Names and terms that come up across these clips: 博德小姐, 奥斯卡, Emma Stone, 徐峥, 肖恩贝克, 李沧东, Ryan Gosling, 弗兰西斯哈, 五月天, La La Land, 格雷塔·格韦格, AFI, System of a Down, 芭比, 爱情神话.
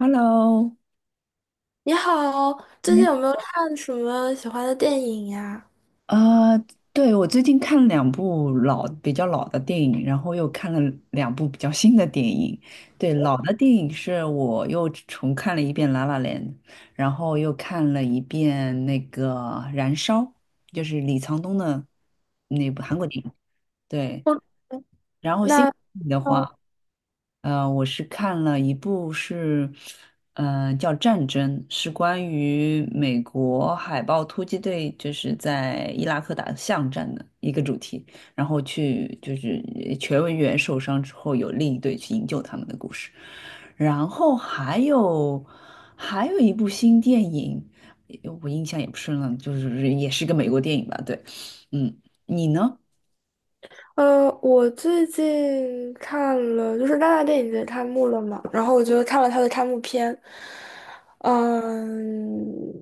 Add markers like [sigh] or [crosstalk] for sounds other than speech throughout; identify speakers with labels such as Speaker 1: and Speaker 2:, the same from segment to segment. Speaker 1: Hello，
Speaker 2: 你好，最近
Speaker 1: 你
Speaker 2: 有没有看什么喜欢的电影呀？
Speaker 1: 呃，对，我最近看了两部老比较老的电影，然后又看了两部比较新的电影。对，老的电影是我又重看了一遍《拉拉 l 然后又看了一遍那个《燃烧》，就是李沧东的那部韩国电影。对，
Speaker 2: 我
Speaker 1: 然后新
Speaker 2: 那
Speaker 1: 电影的
Speaker 2: 哦
Speaker 1: 话，呃，我是看了一部,叫《战争》，是关于美国海豹突击队就是在伊拉克打巷战的一个主题，然后去就是全文员受伤之后，有另一队去营救他们的故事。然后还有一部新电影，我印象也不深了，就是也是个美国电影吧？对，嗯，你呢？
Speaker 2: 呃，我最近看了，就是戛纳电影节开幕了嘛，然后我就看了它的开幕片。嗯，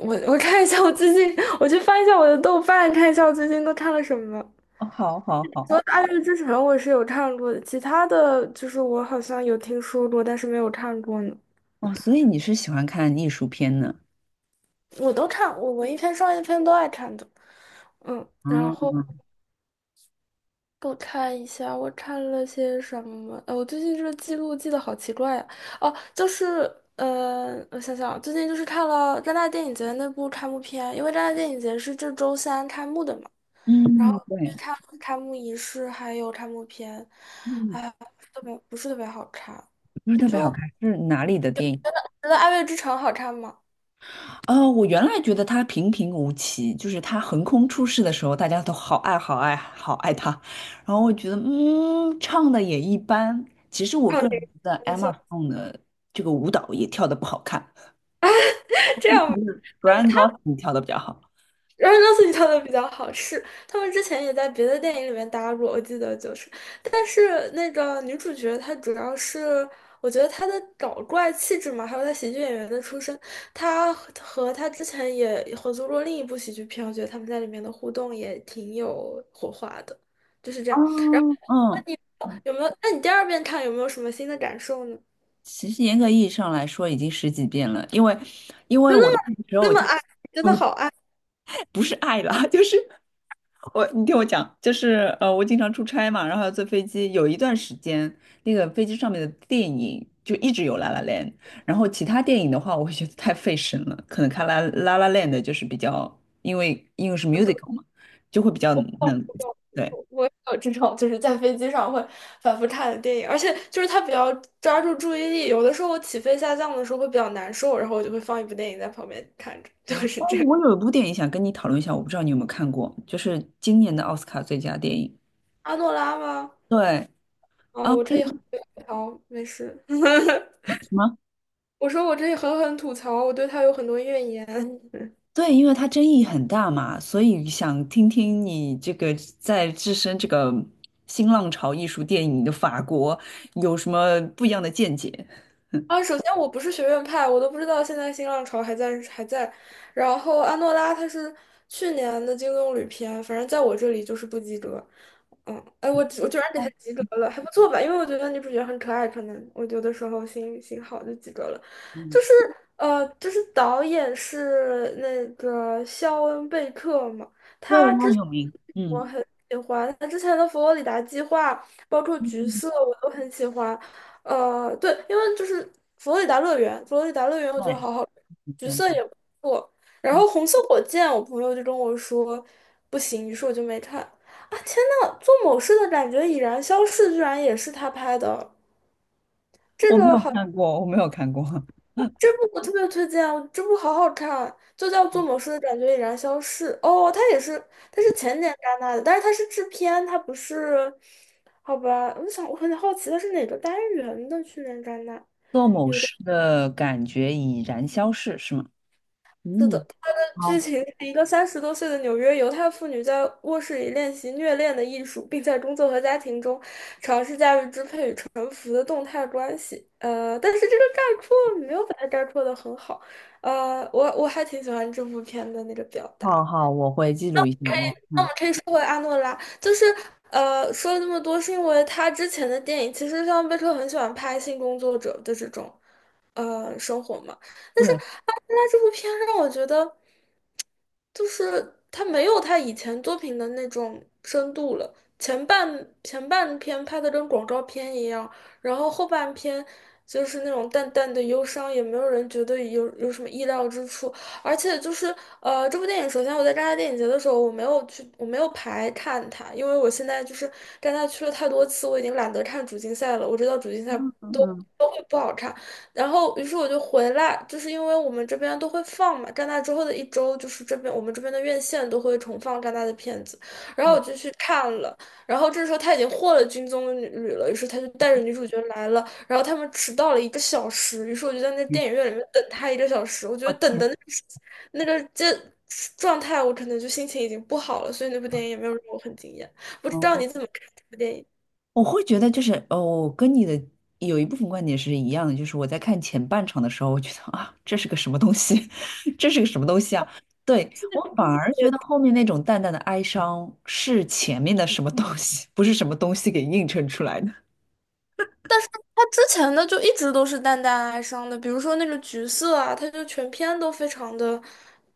Speaker 2: 我看一下我最近，我去翻一下我的豆瓣，看一下我最近都看了什么。
Speaker 1: 哦，好，好，好。
Speaker 2: 除了《爱乐之城》，我是有看过的，其他的就是我好像有听说过，但是没有看过呢。
Speaker 1: 哦，所以你是喜欢看艺术片呢？
Speaker 2: 我都看，我文艺片、商业片都爱看的。然后
Speaker 1: 嗯。
Speaker 2: 我看一下，我看了些什么？我最近这个记录记得好奇怪呀。哦，就是我想想啊，最近就是看了戛纳电影节那部开幕片，因为戛纳电影节是这周三开幕的嘛，然后
Speaker 1: 嗯，对。
Speaker 2: 看开幕仪式还有开幕片，
Speaker 1: 嗯，
Speaker 2: 哎，不是特别好看。
Speaker 1: 不是特别好
Speaker 2: 就
Speaker 1: 看，是哪里的电影？
Speaker 2: 觉得《爱乐之城》好看吗？
Speaker 1: 哦，我原来觉得它平平无奇，就是它横空出世的时候，大家都好爱好爱好爱它，然后我觉得嗯，唱的也一般。其实
Speaker 2: [laughs]
Speaker 1: 我
Speaker 2: 开
Speaker 1: 个人觉得
Speaker 2: 玩
Speaker 1: Emma
Speaker 2: 笑，
Speaker 1: s o n e 的这个舞蹈也跳的不好看
Speaker 2: [laughs] 这样吧。
Speaker 1: ，Ryan g o s l i n 跳的比较好。
Speaker 2: 然后肉自己跳的比较好是他们之前也在别的电影里面搭过，我记得就是，但是那个女主角她主要是，我觉得她的搞怪气质嘛，还有她喜剧演员的出身，她和她之前也合作过另一部喜剧片，我觉得他们在里面的互动也挺有火花的，就是这样。
Speaker 1: 哦，嗯嗯。
Speaker 2: 有没有？那你第二遍看有没有什么新的感受呢？
Speaker 1: 其实严格意义上来说，已经十几遍了，因为
Speaker 2: 真的
Speaker 1: 我那个时候
Speaker 2: 那么爱，真的好爱。
Speaker 1: 不是爱啦，[laughs] 就是你听我讲，我经常出差嘛，然后要坐飞机，有一段时间，那个飞机上面的电影就一直有《La La Land》，然后其他电影的话，我会觉得太费神了，可能看《La La La Land》就是比较，因为是 musical 嘛，就会比较能，
Speaker 2: 有，
Speaker 1: 对。
Speaker 2: 我有这种就是在飞机上会反复看的电影，而且就是它比较抓住注意力，有的时候我起飞下降的时候会比较难受，然后我就会放一部电影在旁边看着，[laughs] 就
Speaker 1: 啊，
Speaker 2: 是
Speaker 1: 哦
Speaker 2: 这样。
Speaker 1: 我有一部电影想跟你讨论一下，我不知道你有没有看过，就是今年的奥斯卡最佳电影。
Speaker 2: 阿诺拉吗？
Speaker 1: 对啊，
Speaker 2: 我这里很吐槽，没事。[laughs]
Speaker 1: 什么？
Speaker 2: 我说我可以狠狠吐槽，我对他有很多怨言。[laughs]
Speaker 1: 对，因为它争议很大嘛，所以想听听你这个置身这个新浪潮艺术电影的法国有什么不一样的见解？
Speaker 2: 首先我不是学院派，我都不知道现在新浪潮还在。然后安诺拉他是去年的金棕榈片，反正在我这里就是不及格。我居然给他及格了，还不错吧？因为我觉得女主角很可爱，可能我有的时候心心好就及格了。
Speaker 1: 嗯，
Speaker 2: 就是就是导演是那个肖恩贝克嘛，
Speaker 1: 对，
Speaker 2: 他
Speaker 1: 它
Speaker 2: 之。
Speaker 1: 很有名。嗯
Speaker 2: 我很喜欢他之前的佛罗里达计划，包括橘
Speaker 1: 嗯，
Speaker 2: 色，我都很喜欢。对，因为就是佛罗里达乐园我觉得
Speaker 1: 对。
Speaker 2: 好好看，橘色
Speaker 1: 嗯，
Speaker 2: 也不错。然后红色火箭，我朋友就跟我说不行，于是我就没看。啊，天呐，做某事的感觉已然消逝，居然也是他拍的，这
Speaker 1: 我没
Speaker 2: 个
Speaker 1: 有
Speaker 2: 好。
Speaker 1: 看过，我没有看过。[laughs]
Speaker 2: 这部我特别推荐啊，这部好好看啊，就叫《做某事的感觉已然消逝》。哦，它也是，它是前年戛纳的，但是它是制片，它不是，好吧？我想我很好奇它是哪个单元的去年戛纳？
Speaker 1: 做某事的感觉已然消逝，是吗？
Speaker 2: 是的，
Speaker 1: 嗯，
Speaker 2: 它的剧
Speaker 1: 好，
Speaker 2: 情是一个30多岁的纽约犹太妇女在卧室里练习虐恋的艺术，并在工作和家庭中尝试驾驭支配与臣服的动态关系。但是这个概括没有把它概括的很好。我还挺喜欢这部片的那个表
Speaker 1: 好，
Speaker 2: 达。
Speaker 1: 好，我会记录一下，我看。
Speaker 2: 是为阿诺拉，就是说了这么多，是因为他之前的电影，其实像贝克很喜欢拍性工作者的这种生活嘛，但是
Speaker 1: 对，
Speaker 2: 阿诺拉这部片让我觉得，就是他没有他以前作品的那种深度了。前半篇拍的跟广告片一样，然后后半篇就是那种淡淡的忧伤，也没有人觉得有什么意料之处。而且就是这部电影首先我在戛纳电影节的时候，我没有去，我没有排看它，因为我现在就是戛纳去了太多次，我已经懒得看主竞赛了。我知道主竞赛
Speaker 1: 嗯
Speaker 2: 都
Speaker 1: 嗯
Speaker 2: 都会不好看，然后于是我就回来，就是因为我们这边都会放嘛，戛纳之后的1周，就是这边我们这边的院线都会重放戛纳的片子，然后我就去看了。然后这时候他已经获了金棕榈了，于是他就带着女主角来了。然后他们迟到了一个小时，于是我就在那电影院里面等他一个小时。我觉得等的那个时那个这状态，我可能就心情已经不好了，所以那部电影也没有让我很惊艳。不知道
Speaker 1: 嗯。
Speaker 2: 你怎么看这部电影？
Speaker 1: 我会觉得就是哦，跟你的有一部分观点是一样的，就是我在看前半场的时候，我觉得啊，这是个什么东西，[laughs] 这是个什么东西啊？对，我反而觉得后面那种淡淡的哀伤是前面的什么东西，不是什么东西给映衬出来的。
Speaker 2: 他之前的就一直都是淡淡哀伤的，比如说那个《橘色》啊，他就全篇都非常的，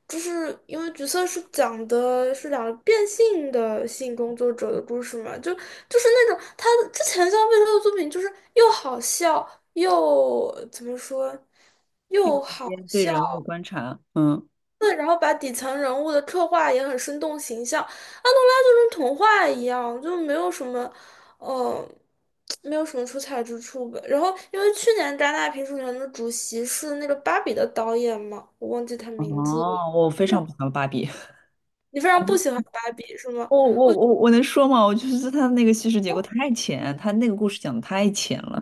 Speaker 2: 就是因为《橘色》是讲的是2个变性的性工作者的故事嘛，就是那种他之前像魏洲的作品，就是又好笑又怎么说，
Speaker 1: 一种
Speaker 2: 又好
Speaker 1: 间对
Speaker 2: 笑。
Speaker 1: 人物的观察，嗯。
Speaker 2: 对，然后把底层人物的刻画也很生动形象。安东拉就跟童话一样，就没有什么，呃，没有什么出彩之处吧。然后，因为去年戛纳评审团的主席是那个《芭比》的导演嘛，我忘记他名字了。
Speaker 1: 哦，我非常不喜欢芭比，[laughs]
Speaker 2: 你非常不喜欢芭比是吗？
Speaker 1: 我能说吗？我就是他那个叙事结构太浅，他那个故事讲的太浅了。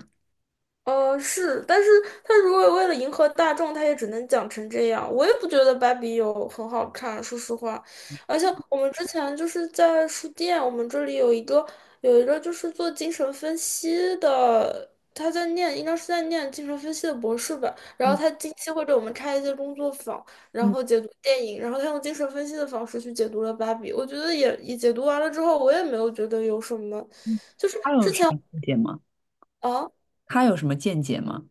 Speaker 2: 是，但是他如果为了迎合大众，他也只能讲成这样。我也不觉得芭比有很好看，说实话。而且我们之前就是在书店，我们这里有一个就是做精神分析的，他在念，应该是在念精神分析的博士吧。然后
Speaker 1: 嗯
Speaker 2: 他近期会给我们开一些工作坊，然
Speaker 1: 嗯
Speaker 2: 后解读电影，然后他用精神分析的方式去解读了芭比。我觉得也解读完了之后，我也没有觉得有什么。
Speaker 1: 嗯，他
Speaker 2: 之
Speaker 1: 有什
Speaker 2: 前
Speaker 1: 么细节吗？
Speaker 2: 啊。
Speaker 1: 他有什么见解吗？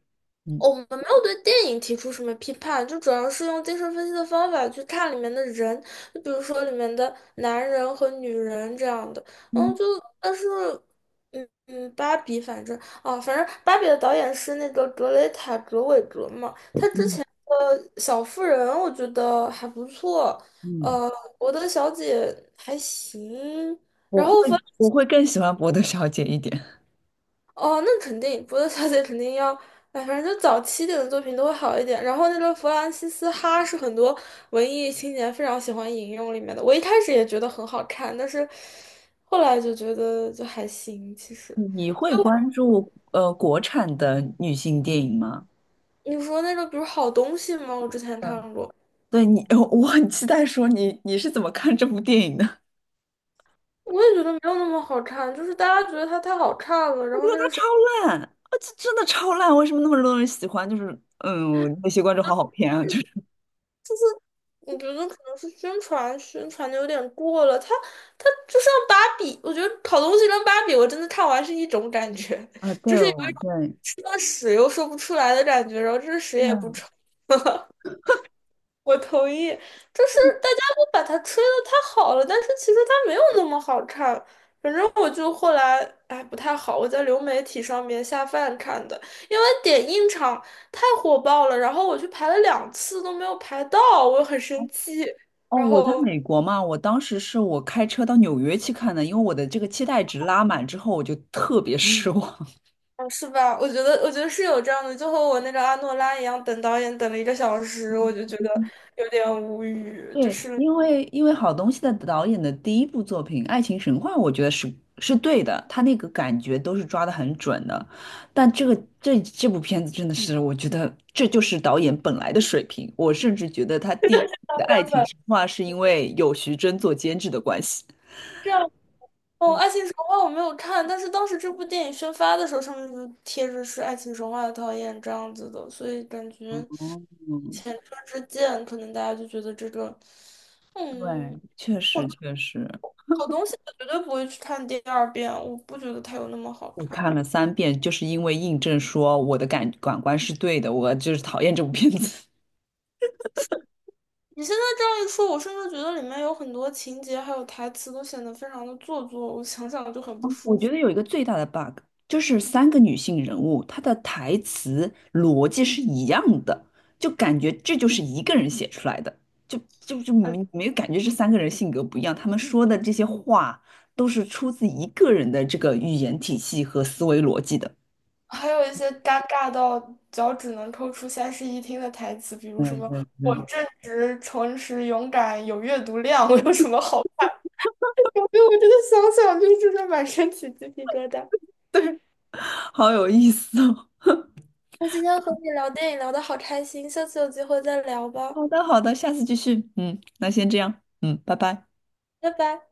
Speaker 1: 嗯
Speaker 2: 哦我们没有对电影提出什么批判，就主要是用精神分析的方法去看里面的人，就比如说里面的男人和女人这样的。然后
Speaker 1: 嗯
Speaker 2: 就但是，嗯嗯，芭比反正芭比的导演是那个格雷塔·格韦格嘛。小妇人我觉得还不错，
Speaker 1: 嗯。
Speaker 2: 呃，我的小姐还行。
Speaker 1: 我
Speaker 2: 然后反。
Speaker 1: 会我会更喜欢博德小姐一点。
Speaker 2: 哦，那肯定，波德小姐肯定要，哎，反正就早期点的作品都会好一点。然后那个弗兰西斯哈是很多文艺青年非常喜欢引用里面的，我一开始也觉得很好看，但是后来就觉得就还行。其实
Speaker 1: 你会关注国产的女性电影吗？
Speaker 2: 你说那个，比如好东西吗？我之前
Speaker 1: 嗯，
Speaker 2: 看过，
Speaker 1: 对你，我很期待说你是怎么看这部电影的？[laughs]
Speaker 2: 我也觉得没有那么好看，就是大家觉得它太好看了，
Speaker 1: 我
Speaker 2: 然
Speaker 1: 觉
Speaker 2: 后
Speaker 1: 得
Speaker 2: 那
Speaker 1: 它
Speaker 2: 个时候。
Speaker 1: 超烂，啊，这真的超烂，为什么那么多人喜欢？就是嗯，那些观众好好骗啊，就是
Speaker 2: 我觉得可能是宣传宣传的有点过了，它就像芭比，我觉得好东西跟芭比，我真的看完是一种感觉，
Speaker 1: 啊，
Speaker 2: [laughs]
Speaker 1: 对
Speaker 2: 就是有一
Speaker 1: 哦，
Speaker 2: 种
Speaker 1: 对。
Speaker 2: 吃了屎又说不出来的感觉，然后这屎也不
Speaker 1: 嗯，
Speaker 2: 臭。我同意，就是大家都把它吹得太好了，但是其实它没有那么好看。反正我就后来，哎，不太好，我在流媒体上面下饭看的，因为点映场太火爆了，然后我去排了2次都没有排到，我很生气。
Speaker 1: 哦，
Speaker 2: 然
Speaker 1: 我在
Speaker 2: 后
Speaker 1: 美国嘛，我当时是我开车到纽约去看的，因为我的这个期待值拉满之后，我就特别失望。
Speaker 2: 哦，是吧？我觉得,是有这样的，就和我那个阿诺拉一样，等导演等了一个小时，我就觉得有点无语。就
Speaker 1: 对，
Speaker 2: 是
Speaker 1: 因为因为好东西的导演的第一部作品《爱情神话》，我觉得是是对的，他那个感觉都是抓得很准的。但这部片子真的是，我觉得这就是导演本来的水平。我甚至觉得他第一部的《爱
Speaker 2: 原
Speaker 1: 情
Speaker 2: 吧，
Speaker 1: 神话》是因为有徐峥做监制的关系。
Speaker 2: 这样哦，《爱情神话》我没有看，但是当时这部电影宣发的时候，上面就贴着是《爱情神话》的导演这样子的，所以感觉
Speaker 1: 哦，
Speaker 2: 前车之鉴，可能大家就觉得这个，嗯，
Speaker 1: 对，确
Speaker 2: 我
Speaker 1: 实确实，
Speaker 2: 好东西我绝对不会去看第二遍，我不觉得它有那么好
Speaker 1: 我
Speaker 2: 看。
Speaker 1: 看了三遍，就是因为印证说我的感感官是对的，我就是讨厌这部片子。
Speaker 2: 你现在这样一说，我甚至觉得里面有很多情节还有台词都显得非常的做作，我想想就很不
Speaker 1: 我
Speaker 2: 舒
Speaker 1: 觉
Speaker 2: 服。
Speaker 1: 得有一个最大的 bug，就是三个女性人物，她的台词逻辑是一样的，就感觉这就是一个人写出来的，就
Speaker 2: 嗯，
Speaker 1: 没有感觉这三个人性格不一样，他们说的这些话都是出自一个人的这个语言体系和思维逻辑的。
Speaker 2: 还有一些尴尬到脚趾能抠出三室一厅的台词，比如什么
Speaker 1: 对
Speaker 2: “我
Speaker 1: 对，
Speaker 2: 正直、诚实、勇敢，有阅读量，我有什么好处？" [laughs] 我真的想想就是的满身起鸡皮疙瘩。
Speaker 1: 好有意思哦。
Speaker 2: 那今天和你聊电影聊得好开心，下次有机会再聊
Speaker 1: [laughs]
Speaker 2: 吧，
Speaker 1: 好的，好的，下次继续。嗯，那先这样。嗯，拜拜。
Speaker 2: 拜拜。